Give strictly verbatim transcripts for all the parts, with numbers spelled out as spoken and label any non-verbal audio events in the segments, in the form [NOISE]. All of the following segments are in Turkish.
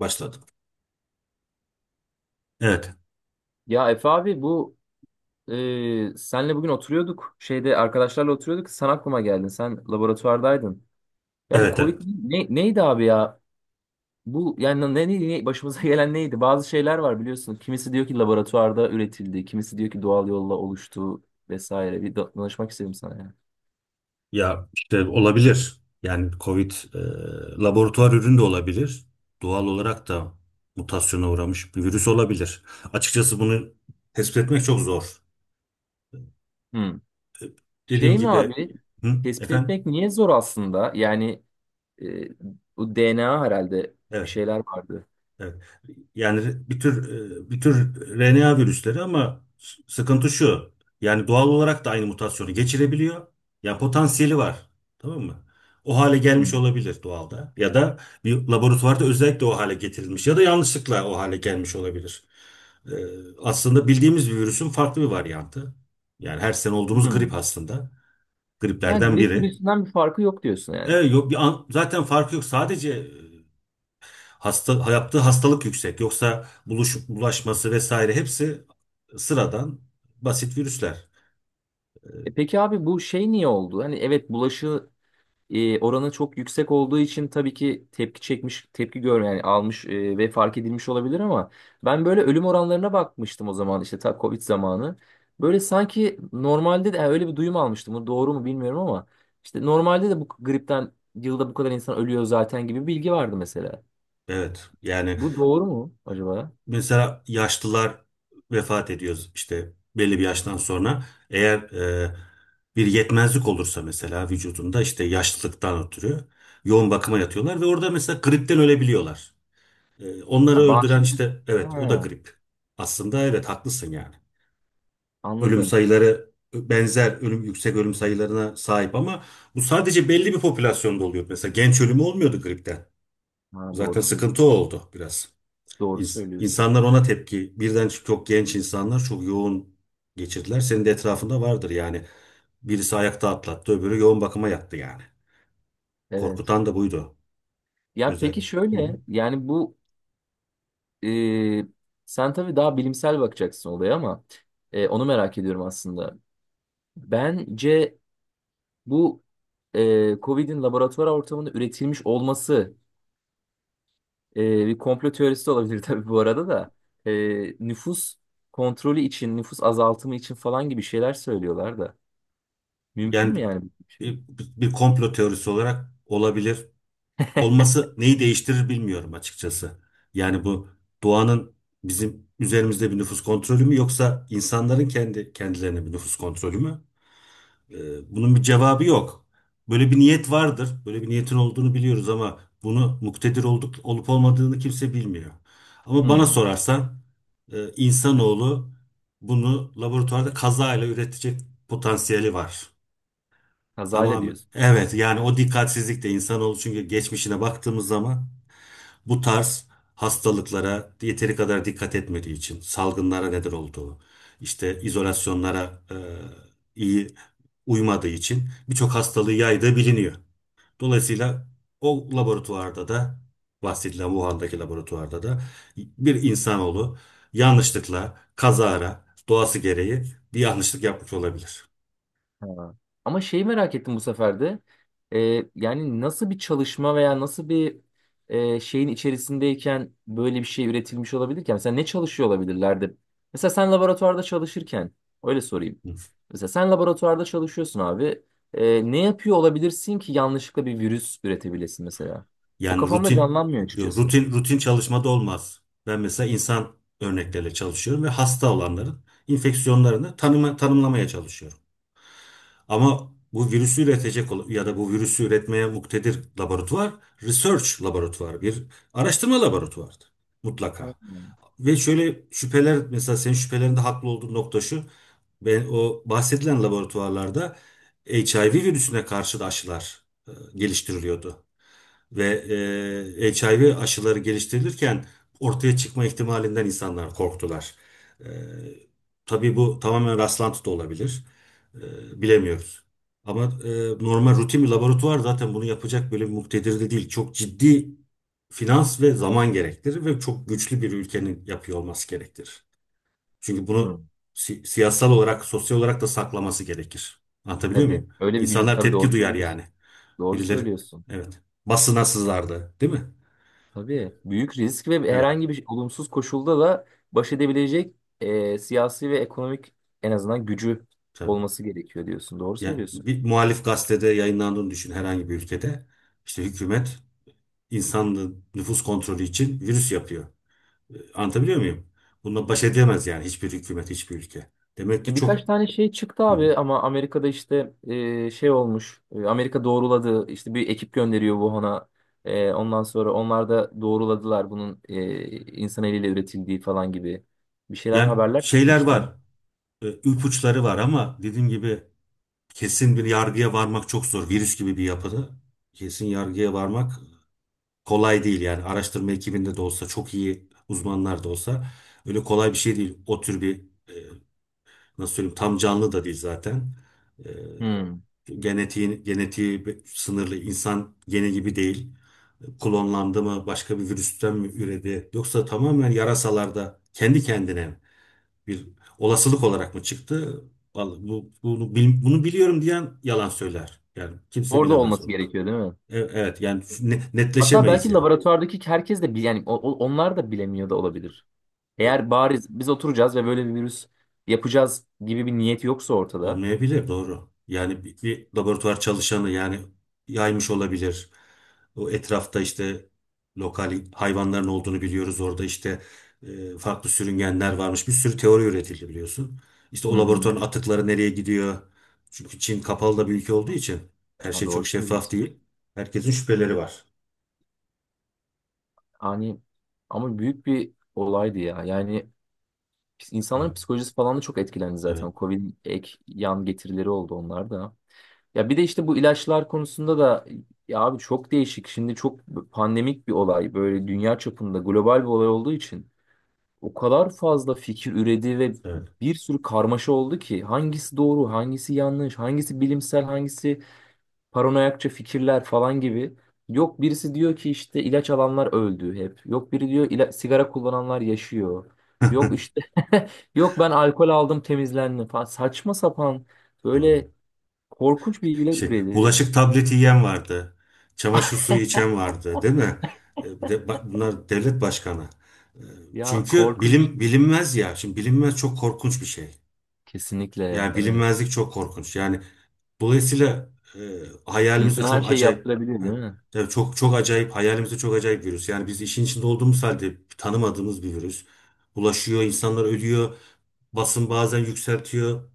Başladı. Evet, Ya Efe abi bu e, senle bugün oturuyorduk şeyde arkadaşlarla oturuyorduk sen aklıma geldin, sen laboratuvardaydın. Ya bu evet, Covid evet. ne, neydi abi ya? Bu yani ne, ne, ne- başımıza [LAUGHS] gelen neydi? Bazı şeyler var biliyorsun. Kimisi diyor ki laboratuvarda üretildi, kimisi diyor ki doğal yolla oluştu vesaire. Bir da- danışmak istedim sana ya. Ya işte olabilir. Yani Covid e, laboratuvar ürünü de olabilir. Doğal olarak da mutasyona uğramış bir virüs olabilir. Açıkçası bunu tespit etmek çok zor. Hmm. Dediğim Şey mi gibi, abi? hı, Tespit efendim? etmek niye zor aslında? Yani e, bu D N A herhalde bir Evet. şeyler vardı. Evet. Yani bir tür e, bir tür R N A virüsleri ama s- sıkıntı şu. Yani doğal olarak da aynı mutasyonu geçirebiliyor. Yani potansiyeli var. Tamam mı? O hale gelmiş Hmm. olabilir doğalda. Ya da bir laboratuvarda özellikle o hale getirilmiş. Ya da yanlışlıkla o hale gelmiş olabilir. Ee, aslında bildiğimiz bir virüsün farklı bir varyantı. Yani her sene olduğumuz grip Hmm. aslında. Ha, Griplerden grip biri. virüsünden bir farkı yok diyorsun E, yani. yok bir an- zaten farkı yok. Sadece e, Hasta, yaptığı hastalık yüksek. Yoksa buluş, bulaşması vesaire hepsi sıradan basit virüsler. E peki abi bu şey niye oldu? Hani evet bulaşı e, oranı çok yüksek olduğu için tabii ki tepki çekmiş, tepki gör yani almış e, ve fark edilmiş olabilir, ama ben böyle ölüm oranlarına bakmıştım o zaman, işte ta Covid zamanı. Böyle sanki normalde de, yani öyle bir duyum almıştım. Bu doğru mu bilmiyorum ama işte normalde de bu gripten yılda bu kadar insan ölüyor zaten gibi bir bilgi vardı mesela. Evet. Yani Bu doğru mu acaba? mesela yaşlılar vefat ediyor işte belli bir yaştan sonra. Eğer e, bir yetmezlik olursa mesela vücudunda işte yaşlılıktan ötürü yoğun bakıma yatıyorlar ve orada mesela gripten ölebiliyorlar. E, onları Ha, öldüren bağışıklık. işte evet o da Ha, grip. Aslında evet haklısın yani. Ölüm anladım. sayıları benzer ölüm yüksek ölüm sayılarına sahip ama bu sadece belli bir popülasyonda oluyor. Mesela genç ölümü olmuyordu gripten. Ha, doğru Zaten sıkıntı o söylüyorsun. oldu biraz. Doğru İns- söylüyorsun. İnsanlar ona tepki. Birden çok genç insanlar çok yoğun geçirdiler. Senin de etrafında vardır yani. Birisi ayakta atlattı, öbürü yoğun bakıma yattı yani. Evet. Korkutan da buydu. Ya Özel. peki Hı hı. şöyle yani bu e, sen tabii daha bilimsel bakacaksın olaya, ama e, onu merak ediyorum aslında. Bence bu e, Covid'in laboratuvar ortamında üretilmiş olması e, bir komplo teorisi de olabilir [LAUGHS] tabii bu arada da. E, Nüfus kontrolü için, nüfus azaltımı için falan gibi şeyler söylüyorlar da. Mümkün Yani mü yani bu şey? bir, bir komplo teorisi olarak olabilir. [LAUGHS] Olması neyi değiştirir bilmiyorum açıkçası. Yani bu doğanın bizim üzerimizde bir nüfus kontrolü mü yoksa insanların kendi kendilerine bir nüfus kontrolü mü? Ee, bunun bir cevabı yok. Böyle bir niyet vardır. Böyle bir niyetin olduğunu biliyoruz ama bunu muktedir olduk, olup olmadığını kimse bilmiyor. Ama bana Hmm. sorarsan e, Ha, insanoğlu bunu laboratuvarda kazayla üretecek potansiyeli var. kazayla Tamam. diyorsun. Evet yani o dikkatsizlik de insanoğlu çünkü geçmişine baktığımız zaman bu tarz hastalıklara yeteri kadar dikkat etmediği için salgınlara neden olduğu, işte izolasyonlara e, iyi uymadığı için birçok hastalığı yaydığı biliniyor. Dolayısıyla o laboratuvarda da bahsedilen Wuhan'daki laboratuvarda da bir insanoğlu yanlışlıkla kazara doğası gereği bir yanlışlık yapmış olabilir. Ha. Ama şeyi merak ettim bu sefer de. Ee, yani nasıl bir çalışma veya nasıl bir e, şeyin içerisindeyken böyle bir şey üretilmiş olabilir ki? Yani mesela ne çalışıyor olabilirlerdi? Mesela sen laboratuvarda çalışırken, öyle sorayım. Mesela sen laboratuvarda çalışıyorsun abi. Ee, ne yapıyor olabilirsin ki yanlışlıkla bir virüs üretebilesin mesela? O Yani kafamda rutin canlanmıyor açıkçası. rutin rutin çalışmada olmaz. Ben mesela insan örnekleriyle çalışıyorum ve hasta olanların enfeksiyonlarını tanıma, tanımlamaya çalışıyorum. Ama bu virüsü üretecek olan- ya da bu virüsü üretmeye muktedir laboratuvar, research laboratuvarı, bir araştırma laboratuvarıdır Ha. mutlaka. Ve şöyle şüpheler mesela senin şüphelerinde haklı olduğun nokta şu. Ben o bahsedilen laboratuvarlarda H I V virüsüne karşı da aşılar e, geliştiriliyordu. Ve e, H I V aşıları geliştirilirken ortaya çıkma ihtimalinden insanlar korktular. E, tabii bu tamamen rastlantı da olabilir. E, bilemiyoruz. Ama e, normal rutin bir laboratuvar zaten bunu yapacak böyle bir muktedir de değil. Çok ciddi finans ve zaman gerektirir ve çok güçlü bir ülkenin yapıyor olması gerektirir. Çünkü Hı, bunu si- siyasal olarak, sosyal olarak da saklaması gerekir. Anlatabiliyor tabii. muyum? Öyle bir gücü İnsanlar tabii, tepki doğru duyar yani. söylüyorsun. Doğru Birileri söylüyorsun. evet basına sızardı değil mi? Tabii büyük risk ve Evet. herhangi bir olumsuz koşulda da baş edebilecek e, siyasi ve ekonomik en azından gücü Tabii. olması gerekiyor diyorsun. Doğru Yani söylüyorsun. bir muhalif gazetede yayınlandığını düşün herhangi bir ülkede. İşte hükümet insanlığın nüfus kontrolü için virüs yapıyor. E, Anlatabiliyor muyum? Bununla baş edemez yani hiçbir hükümet, hiçbir ülke. Demek E, ki birkaç çok. tane şey çıktı Hı hı. abi, ama Amerika'da işte e, şey olmuş. E, Amerika doğruladı. İşte bir ekip gönderiyor Wuhan'a. E, ondan sonra onlar da doğruladılar bunun e, insan eliyle üretildiği falan gibi bir şeyler, Yani haberler şeyler çıkmıştı. var. E, ipuçları var ama dediğim gibi kesin bir yargıya varmak çok zor. Virüs gibi bir yapıda kesin yargıya varmak kolay değil yani araştırma ekibinde de olsa çok iyi uzmanlar da olsa öyle kolay bir şey değil. O tür bir e, nasıl söyleyeyim tam canlı da değil zaten. E, Hmm. genetiği, genetiği bir- sınırlı insan gene gibi değil. Klonlandı mı başka bir virüsten mi üredi yoksa tamamen yarasalarda kendi kendine bir olasılık olarak mı çıktı? Vallahi bu, bunu, bil- bunu biliyorum diyen yalan söyler. Yani kimse Orada bilemez olması bunu. gerekiyor değil mi? E- Evet yani ne- Hatta netleşemeyiz belki yani. laboratuvardaki herkes de bil- yani o- o- onlar da bilemiyor da olabilir. E, Eğer bariz biz oturacağız ve böyle bir virüs yapacağız gibi bir niyet yoksa ortada. Olmayabilir doğru. Yani bir, bir laboratuvar çalışanı yani yaymış olabilir. O etrafta işte lokal hayvanların olduğunu biliyoruz. Orada işte e, farklı sürüngenler varmış. Bir sürü teori üretildi biliyorsun. İşte Hı o hı. laboratuvarın atıkları nereye gidiyor? Çünkü Çin kapalı da bir ülke olduğu için her Ha, şey doğru çok şeffaf söylüyorsun. değil. Herkesin şüpheleri var. Hani ama büyük bir olaydı ya. Yani pis- Evet, insanların psikolojisi falan da çok etkilendi evet, zaten. Covid ek yan getirileri oldu onlar da. Ya bir de işte bu ilaçlar konusunda da, ya abi çok değişik. Şimdi çok pandemik bir olay. Böyle dünya çapında global bir olay olduğu için. O kadar fazla fikir üredi ve evet, bir sürü karmaşa oldu ki hangisi doğru, hangisi yanlış, hangisi bilimsel, hangisi paranoyakça fikirler falan gibi. Yok birisi diyor ki işte ilaç alanlar öldü hep. Yok biri diyor ila- sigara kullananlar yaşıyor. Yok işte [LAUGHS] yok ben alkol aldım temizlendim falan. Saçma sapan doğru. böyle korkunç bilgiler Şey, üredi. bulaşık tableti yiyen vardı. Çamaşır suyu içen vardı, değil mi? E, de- ba- bunlar devlet başkanı. E, Ya Çünkü korkunç. bilim bilinmez ya. Şimdi bilinmez çok korkunç bir şey. Kesinlikle Yani evet. bilinmezlik çok korkunç. Yani dolayısıyla e, hayalimizde İnsan her çok şeyi acayip. yaptırabilir Heh, değil mi? tabii çok çok acayip hayalimizde çok acayip virüs. Yani biz işin içinde olduğumuz halde tanımadığımız bir virüs. Bulaşıyor, insanlar ölüyor. Basın bazen yükseltiyor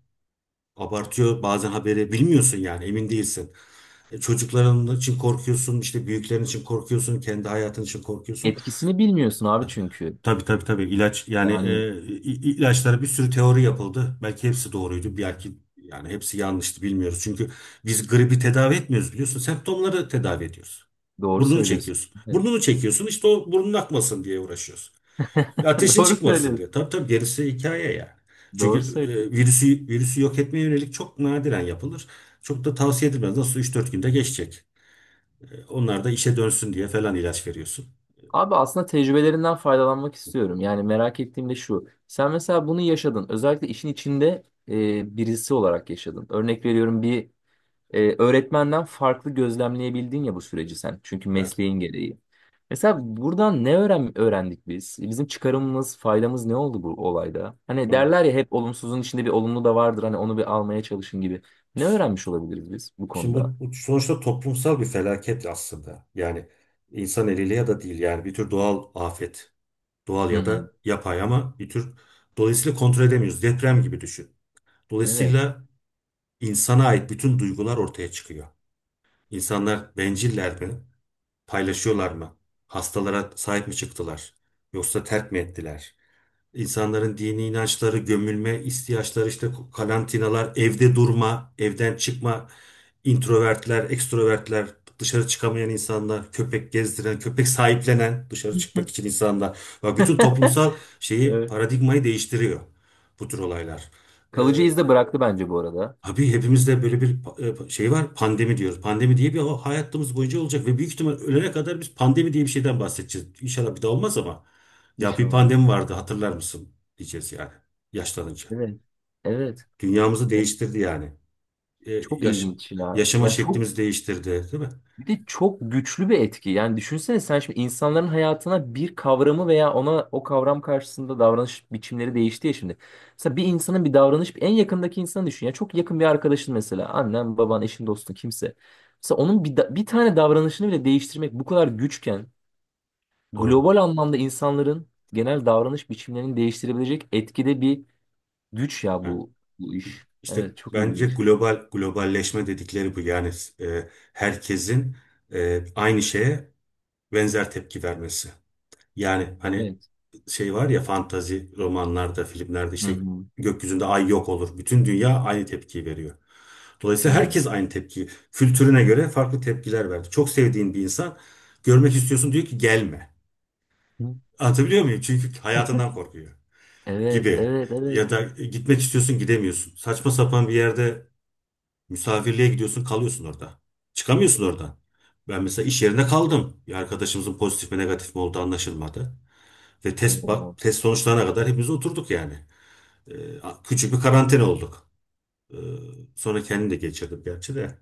abartıyor bazen haberi bilmiyorsun yani emin değilsin. E, Çocukların için korkuyorsun, işte büyüklerin için korkuyorsun, kendi hayatın için korkuyorsun. Etkisini bilmiyorsun abi çünkü. Tabii tabii tabii ilaç yani Yani e, i- ilaçlara bir sürü teori yapıldı. Belki hepsi doğruydu, belki yani hepsi yanlıştı bilmiyoruz. Çünkü biz gribi tedavi etmiyoruz biliyorsun. Semptomları tedavi ediyoruz. doğru Burnunu söylüyorsun. çekiyorsun. Evet. Burnunu çekiyorsun işte o burnun akmasın diye uğraşıyorsun. [LAUGHS] Ateşin Doğru çıkmasın söylüyorsun. diyor. Tabii tabii gerisi hikaye yani. Çünkü Doğru e, söylüyorsun. virüsü virüsü yok etmeye yönelik çok nadiren yapılır. Çok da tavsiye edilmez. Nasıl üç dört günde geçecek. E, onlar da işe dönsün diye falan ilaç veriyorsun. Abi aslında tecrübelerinden faydalanmak istiyorum. Yani merak ettiğim de şu. Sen mesela bunu yaşadın. Özellikle işin içinde e, birisi olarak yaşadın. Örnek veriyorum, bir e, öğretmenden farklı gözlemleyebildin ya bu süreci sen. Çünkü Evet. mesleğin gereği. Mesela buradan ne öğren öğrendik biz? Bizim çıkarımımız, faydamız ne oldu bu olayda? Hani derler ya, hep olumsuzun içinde bir olumlu da vardır. Hani onu bir almaya çalışın gibi. Ne öğrenmiş olabiliriz biz bu Şimdi konuda? bu, bu sonuçta toplumsal bir felaket aslında. Yani insan eliyle ya da değil yani bir tür doğal afet. Doğal Hı ya hı. da yapay ama bir tür dolayısıyla kontrol edemiyoruz. Deprem gibi düşün. Evet. Dolayısıyla insana ait bütün duygular ortaya çıkıyor. İnsanlar benciller mi? Paylaşıyorlar mı? Hastalara sahip mi çıktılar? Yoksa terk mi ettiler? İnsanların dini inançları, gömülme ihtiyaçları, işte karantinalar, evde durma, evden çıkma, introvertler, ekstrovertler, dışarı çıkamayan insanlar, köpek gezdiren, köpek sahiplenen, dışarı çıkmak için [LAUGHS] insanlar. Bak bütün toplumsal şeyi, Evet. paradigmayı değiştiriyor bu tür olaylar. Ee, Kalıcı iz de bıraktı bence bu arada. Abi hepimizde böyle bir pa- e, şey var pandemi diyoruz. Pandemi diye bir ha- hayatımız boyunca olacak ve büyük ihtimal ölene kadar biz pandemi diye bir şeyden bahsedeceğiz. İnşallah bir daha olmaz ama ya bir İnşallah. pandemi vardı hatırlar mısın diyeceğiz yani yaşlanınca. Evet. Evet. Evet. Dünyamızı Yani değiştirdi yani. E, çok yaş, ilginç ya. yaşama Ya çok, şeklimizi değiştirdi değil mi? bir de çok güçlü bir etki. Yani düşünsene, sen şimdi insanların hayatına bir kavramı veya ona o kavram karşısında davranış biçimleri değişti ya şimdi. Mesela bir insanın bir davranış en yakındaki insanı düşün. Ya çok yakın bir arkadaşın, mesela annen, baban, eşin, dostun kimse. Mesela onun bir, da- bir tane davranışını bile değiştirmek bu kadar güçken, Doğru. global anlamda insanların genel davranış biçimlerini değiştirebilecek etkide bir güç ya Ha. bu bu iş. İşte Evet çok bence ilginç. global globalleşme dedikleri bu yani e, herkesin e, aynı şeye benzer tepki vermesi. Yani hani Evet. şey var ya fantazi romanlarda, filmlerde Hı işte hı. gökyüzünde ay yok olur. Bütün dünya aynı tepkiyi veriyor. Dolayısıyla Hı. herkes aynı tepkiyi. Kültürüne göre farklı tepkiler verdi. Çok sevdiğin bir insan görmek istiyorsun diyor ki gelme. [LAUGHS] Hı. Anlatabiliyor muyum? Çünkü hayatından korkuyor Evet, gibi. evet, Ya evet. da "E, gitmek istiyorsun gidemiyorsun. Saçma sapan bir yerde misafirliğe gidiyorsun kalıyorsun orada. Çıkamıyorsun oradan. Ben mesela iş yerinde kaldım. Bir arkadaşımızın pozitif mi negatif mi olduğu anlaşılmadı. Ve test Oo, bak test sonuçlarına kadar hepimiz oturduk yani. Ee, küçük bir karantina olduk. Ee, sonra kendim de geçirdim gerçi de.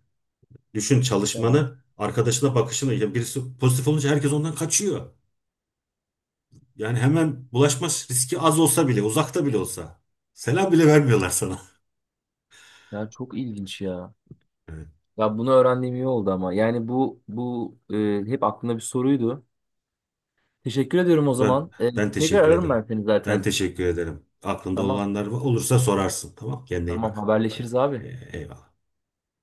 Düşün ya, çalışmanı, arkadaşına bakışını. Yani birisi pozitif olunca herkes ondan kaçıyor. Yani hemen bulaşma riski az olsa bile, uzakta bile olsa. Selam bile vermiyorlar sana. [LAUGHS] ya çok ilginç ya. Evet. Ya bunu öğrendiğim iyi oldu ama. Yani bu bu e, hep aklımda bir soruydu. Teşekkür ediyorum o Ben zaman. E, ben tekrar teşekkür ararım ederim. ben seni Ben zaten. teşekkür ederim. Aklında Tamam. olanlar olursa sorarsın. Tamam, kendine iyi Tamam bak. E, haberleşiriz abi. e, eyvallah.